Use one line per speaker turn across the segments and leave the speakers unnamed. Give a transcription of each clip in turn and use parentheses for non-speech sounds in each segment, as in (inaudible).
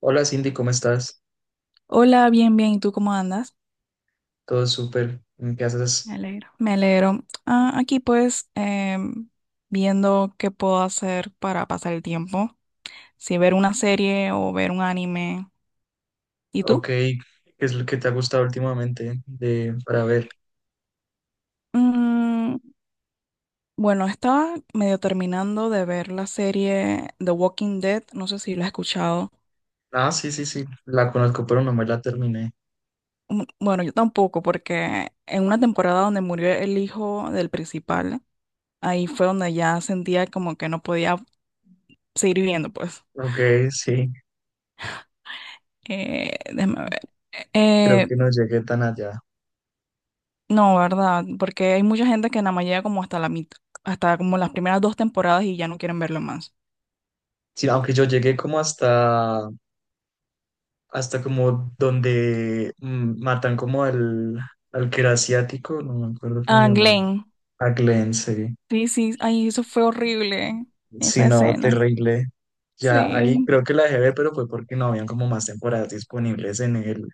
Hola Cindy, ¿cómo estás?
Hola, bien, bien. ¿Y tú cómo andas?
Todo súper. ¿Qué
Me
haces?
alegro. Me alegro. Aquí pues, viendo qué puedo hacer para pasar el tiempo. Si ver una serie o ver un anime. ¿Y tú?
Ok, ¿qué es lo que te ha gustado últimamente de, para ver?
Mm, bueno, estaba medio terminando de ver la serie The Walking Dead. No sé si la has escuchado.
Ah, sí, sí, sí, la conozco, pero no me la terminé.
Mm, bueno, yo tampoco, porque en una temporada donde murió el hijo del principal, ahí fue donde ya sentía como que no podía seguir viviendo, pues.
Ok, sí,
Déjame ver.
creo
Eh,
que no llegué tan allá.
no, ¿verdad? Porque hay mucha gente que nada más llega como hasta la mitad, hasta como las primeras dos temporadas y ya no quieren verlo más.
Sí, aunque yo llegué como hasta, hasta como donde matan como al, al que era asiático, no me acuerdo cómo
Ah,
llaman,
Glenn.
a Glenn, sí.
Sí, sí, ay, eso fue horrible,
Sí,
esa
no,
escena.
terrible. Ya ahí
Sí.
creo que la dejé ver, pero fue porque no habían como más temporadas disponibles en el,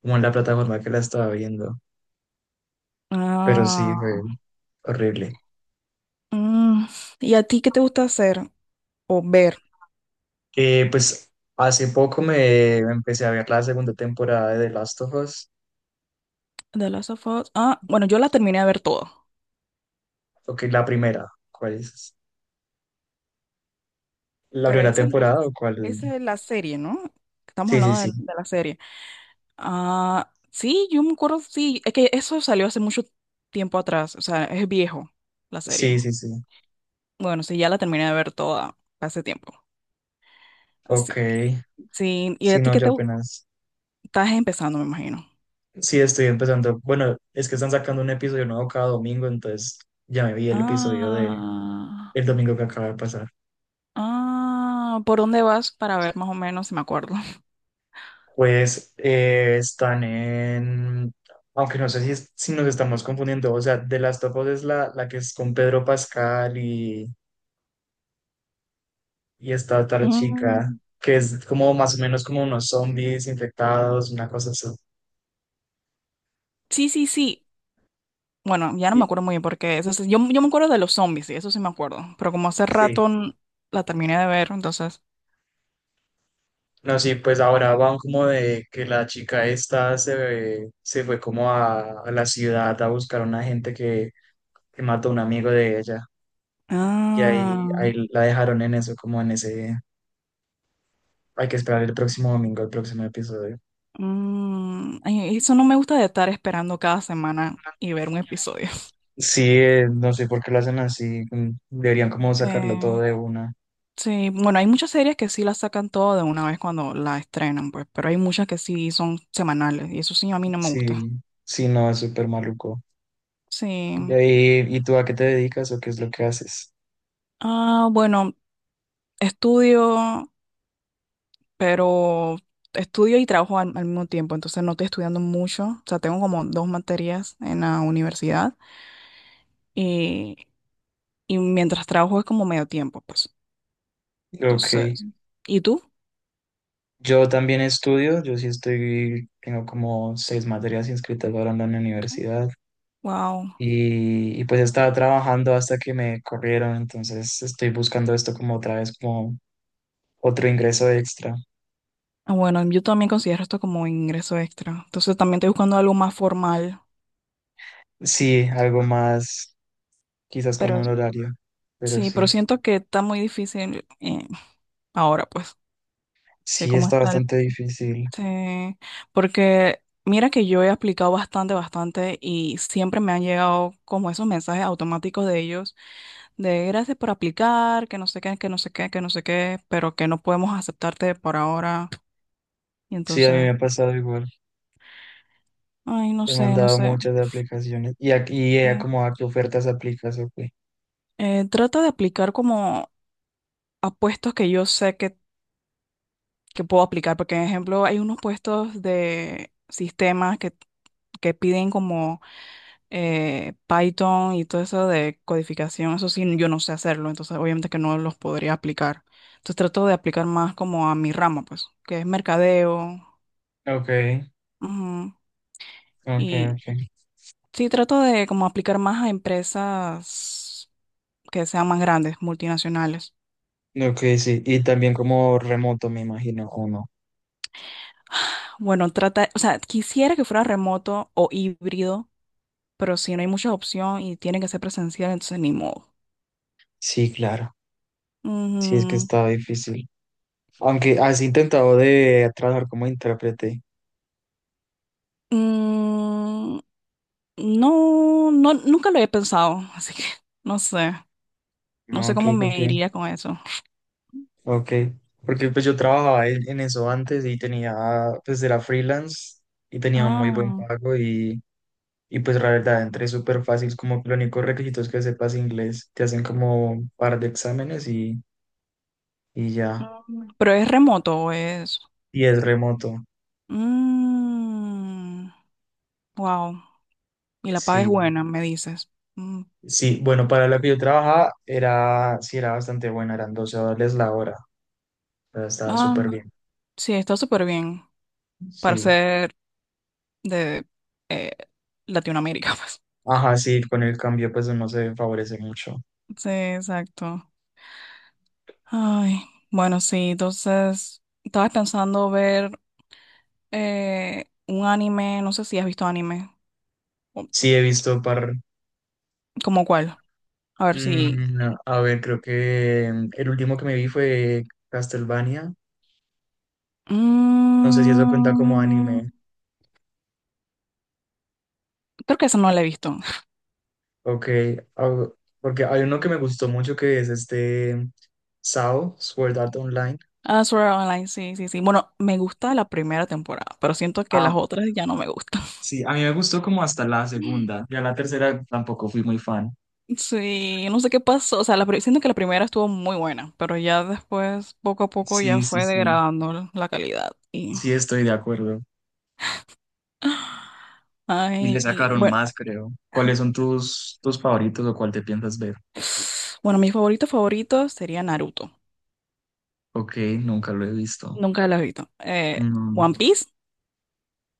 como en la plataforma que la estaba viendo, pero sí,
Ah.
fue horrible.
Mm. ¿Y a ti qué te gusta hacer o ver?
Pues hace poco me empecé a ver la segunda temporada de The Last of Us,
The Last of Us. Ah, bueno, yo la terminé de ver todo.
o que la primera, ¿cuál es? ¿La
Pero
primera
esa es,
temporada o cuál?
esa es la serie, ¿no? Estamos
Sí, sí,
hablando
sí,
de la serie. Ah, sí, yo me acuerdo, sí, es que eso salió hace mucho tiempo atrás, o sea, es viejo la serie.
sí, sí, sí,
Bueno, sí, ya la terminé de ver toda hace tiempo. Así,
ok,
que, sí, ¿y
sí,
a ti
no,
qué
yo apenas,
estás empezando, me imagino?
sí, estoy empezando, bueno, es que están sacando un episodio nuevo cada domingo, entonces ya me vi el episodio de
Ah,
el domingo que acaba de pasar.
¿Por dónde vas para ver más o menos si me acuerdo? (laughs)
Pues están en, aunque no sé si, si nos estamos confundiendo, o sea, de las of Us es la, la que es con Pedro Pascal y esta otra chica,
Mm,
que es como más o menos como unos zombies infectados, una cosa así.
sí, sí, sí. Bueno, ya no me
Sí.
acuerdo muy bien porque yo me acuerdo de los zombies, sí, eso sí me acuerdo, pero como hace
Sí.
rato la terminé de ver, entonces.
No, sí, pues ahora van como de que la chica esta se, se fue como a la ciudad a buscar a una gente que mató a un amigo de ella y ahí, ahí
Ah.
la dejaron en eso, como en ese... Hay que esperar el próximo domingo, el próximo episodio.
Mm, y eso no me gusta de estar esperando cada semana y ver un episodio. (laughs)
Sí, no sé por qué lo hacen así. Deberían como sacarlo todo
Eh,
de una.
sí, bueno, hay muchas series que sí las sacan todo de una vez cuando la estrenan, pues, pero hay muchas que sí son semanales y eso sí a mí no me gusta.
Sí, sí, no, es súper maluco. ¿Y,
Sí.
y tú a qué te dedicas o qué es lo que haces?
Ah, bueno, estudio, pero estudio y trabajo al mismo tiempo, entonces no estoy estudiando mucho. O sea, tengo como dos materias en la universidad y, y mientras trabajo es como medio tiempo, pues.
Ok.
Entonces, ¿y tú?
Yo también estudio, yo sí estoy, tengo como 6 materias inscritas ahora en la universidad.
Wow.
Y pues estaba trabajando hasta que me corrieron, entonces estoy buscando esto como otra vez, como otro ingreso extra.
Ah, bueno, yo también considero esto como ingreso extra. Entonces también estoy buscando algo más formal.
Sí, algo más, quizás con
Pero
un horario, pero
sí, pero
sí,
siento que está muy difícil ahora, pues, de
sí
cómo
está
está el...
bastante difícil.
Sí, porque mira que yo he aplicado bastante, bastante y siempre me han llegado como esos mensajes automáticos de ellos de gracias por aplicar, que no sé qué, que no sé qué, que no sé qué, pero que no podemos aceptarte por ahora. Y
Sí, a mí
entonces,
me ha pasado igual.
ay, no
He
sé, no
mandado
sé.
muchas de aplicaciones y aquí y
Sí.
como a qué ofertas aplicas, ok.
Trata de aplicar como a puestos que yo sé que puedo aplicar, porque, por ejemplo, hay unos puestos de sistemas que piden como Python y todo eso de codificación, eso sí, yo no sé hacerlo, entonces obviamente que no los podría aplicar. Entonces trato de aplicar más como a mi rama, pues, que es mercadeo,
Ok,
ujú,
ok,
y
ok.
sí, trato de como aplicar más a empresas que sean más grandes, multinacionales.
Ok, sí, y también como remoto, me imagino, o no.
Bueno, trata, o sea, quisiera que fuera remoto o híbrido pero si no hay mucha opción y tiene que ser presencial, entonces ni modo.
Sí, claro. Sí, es que
Ujú.
está difícil. Aunque has intentado de trabajar como intérprete.
Mm, no, no, nunca lo he pensado, (laughs) así que no sé, no sé
Ok,
cómo
¿por
me
qué?
iría con eso.
Ok. Porque pues yo trabajaba en eso antes y tenía, pues era freelance y tenía un muy buen
Ah,
pago. Y pues la verdad, entré súper fácil, como que los únicos requisitos que sepas inglés, te hacen como un par de exámenes y ya.
pero ¿es remoto, o es...?
Y es remoto.
Mm, wow, y la paga es
Sí,
buena, me dices. Mm,
sí, bueno, para lo que yo trabajaba era, sí, era bastante buena, eran $12 la hora, o sea, estaba
ah,
súper bien,
sí, está súper bien para
sí.
ser de Latinoamérica, (laughs) pues.
Ajá, sí, con el cambio pues no se favorece mucho.
Sí, exacto. Ay, bueno, sí, entonces estaba pensando ver un anime, no sé si has visto anime, o-
Sí, he visto par,
¿como cuál? A ver si...
no, a ver, creo que el último que me vi fue Castlevania, no sé si eso cuenta como
Mm,
anime.
creo que esa no la he visto. (laughs)
Ok, ah, porque hay uno que me gustó mucho que es este SAO, Sword Art Online.
Ah, Sword Art Online, sí, sí, sí. Bueno, me gusta la primera temporada, pero siento que
Ah,
las otras ya no me gustan.
sí, a mí me gustó como hasta la segunda.
(laughs)
Ya la tercera tampoco fui muy fan.
Sí, no sé qué pasó, o sea, siento que la primera estuvo muy buena, pero ya después, poco a poco, ya
Sí, sí,
fue
sí.
degradando la calidad y...
Sí, estoy de acuerdo.
(gasps)
Y le
Ay,
sacaron
bueno.
más, creo. ¿Cuáles son tus, tus favoritos o cuál te piensas ver?
Bueno, mis favoritos favoritos serían Naruto.
Ok, nunca lo he visto.
Nunca lo he visto.
No,
One Piece,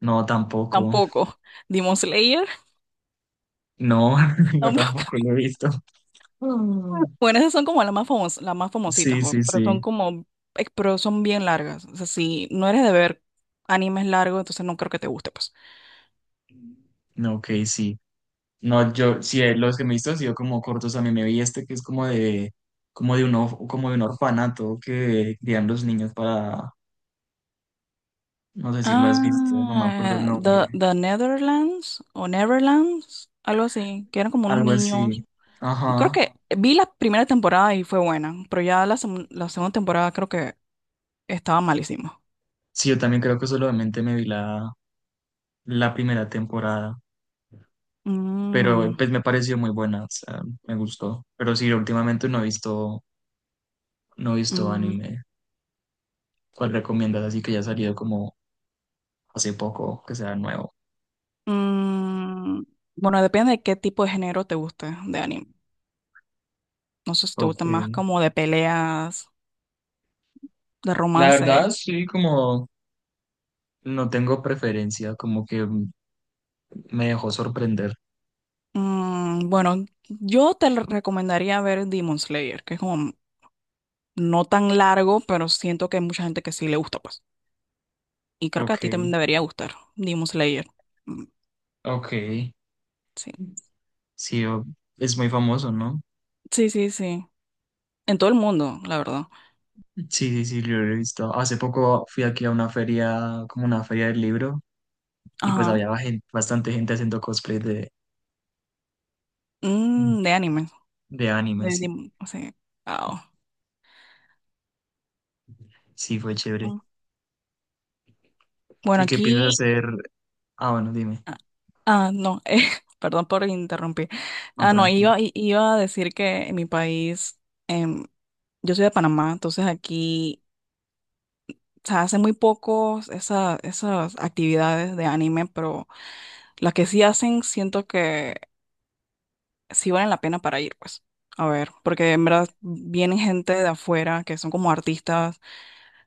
no, tampoco.
tampoco. Demon Slayer,
No,
(laughs)
(laughs) no,
tampoco.
tampoco lo he visto. Mm.
Bueno, esas son como las más famosas, las más famositas,
Sí,
jo,
sí,
pero son
sí.
como, pero son bien largas. O sea, si no eres de ver animes largos, entonces no creo que te guste, pues.
No, ok, sí. No, yo, sí, los que me he visto han sido como cortos. A mí me vi este que es como de un, como de un orfanato que crían los niños para, no sé si lo has visto, no me acuerdo el
Ah, The,
nombre.
The Netherlands o Neverlands, algo así, que eran como unos
Algo
niños.
así.
Creo
Ajá.
que vi la primera temporada y fue buena, pero ya la segunda temporada creo que estaba malísima.
Sí, yo también creo que solamente me vi la, la primera temporada,
Mm,
pero pues me pareció muy buena, o sea, me gustó. Pero sí, últimamente no he visto, no he visto
mm,
anime. ¿Cuál recomiendas? Así que ya ha salido como hace poco, que sea nuevo.
mm. Bueno, depende de qué tipo de género te guste de anime. No sé si te gusta
Ok.
más como de peleas, de
La
romance.
verdad, sí, como no tengo preferencia, como que me dejó sorprender.
Mm, bueno, yo te lo recomendaría ver Demon Slayer, que es como no tan largo, pero siento que hay mucha gente que sí le gusta, pues. Y creo que a
Ok,
ti también debería gustar Demon Slayer. Mm,
ok.
sí.
Sí, o- es muy famoso, ¿no?
Sí, sí, sí. En todo el mundo, la verdad.
Sí, sí, sí, yo lo he visto. Hace poco fui aquí a una feria, como una feria del libro, y pues
Ajá.
había bastante gente haciendo cosplay
Mm, de anime.
de anime,
De,
sí.
Demon- o sea, wow.
Sí, fue chévere.
Mm. Bueno,
¿Y qué
aquí.
piensas hacer? Ah, bueno, dime.
Ah, no, (laughs) perdón por interrumpir.
No,
Ah, no,
tranquilo.
iba a decir que en mi país, em, yo soy de Panamá, entonces aquí se hacen muy pocos esas actividades de anime, pero las que sí hacen, siento que sí valen la pena para ir, pues. A ver, porque en verdad vienen gente de afuera que son como artistas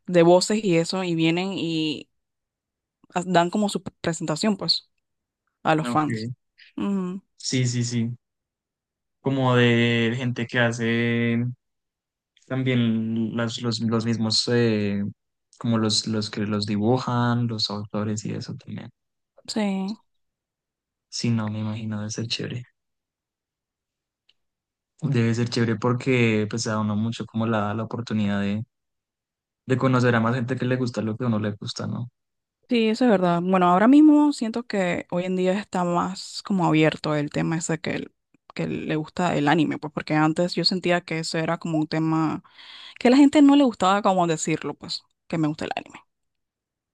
de voces y eso, y vienen y dan como su presentación, pues, a los fans.
Ok.
Ujú,
Sí, sí, sí. Como de gente que hace también los mismos, como los que los dibujan, los autores y eso también.
sí.
Sí, no, me imagino, debe ser chévere. Debe ser chévere porque pues da uno mucho como la oportunidad de conocer a más gente que le gusta lo que a uno le gusta, ¿no?
Sí, eso es verdad. Bueno, ahora mismo siento que hoy en día está más como abierto el tema ese que le gusta el anime, pues porque antes yo sentía que eso era como un tema que a la gente no le gustaba como decirlo, pues, que me gusta el anime.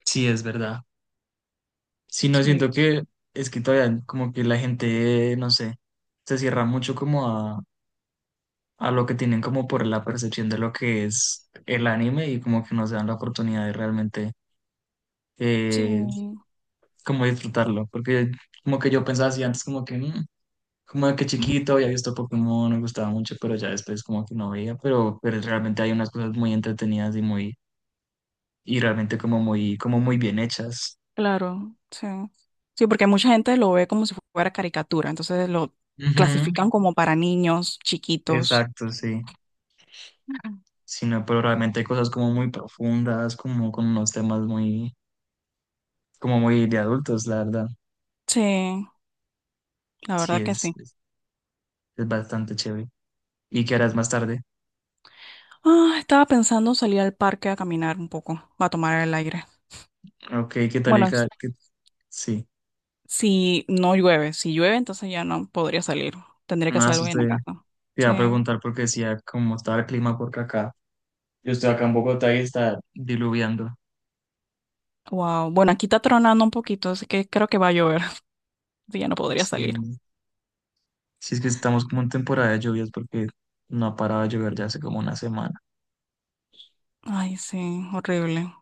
Sí, es verdad. Sí, no siento
Sí,
que es que todavía como que la gente, no sé, se cierra mucho como a lo que tienen como por la percepción de lo que es el anime y como que no se dan la oportunidad de realmente
sí,
eh, como disfrutarlo, porque como que yo pensaba así antes como que, "Mm", como de que chiquito había visto Pokémon, me gustaba mucho, pero ya después como que no veía, pero realmente hay unas cosas muy entretenidas y muy, y realmente como muy bien hechas.
claro, sí. Sí, porque mucha gente lo ve como si fuera caricatura, entonces lo
Ujú,
clasifican como para niños chiquitos.
exacto, sí.
Ujú.
Sino, pero realmente hay cosas como muy profundas, como con unos temas muy, como muy de adultos, la verdad.
Sí, la
Sí,
verdad que sí.
es bastante chévere. ¿Y qué harás más tarde?
Ah, estaba pensando salir al parque a caminar un poco, a tomar el aire.
Ok, ¿qué tal?
Bueno,
Sí,
si no llueve, si llueve, entonces ya no podría salir. Tendría que hacer
más
algo en la
usted.
casa.
Te iba a
Sí.
preguntar porque decía cómo estaba el clima porque acá. Yo estoy acá en Bogotá y está diluviando.
Wow. Bueno, aquí está tronando un poquito, así que creo que va a llover. (laughs) Entonces ya no podría salir.
Sí, sí es que estamos como en temporada de lluvias porque no ha parado de llover ya hace como una semana.
Ay, sí, horrible.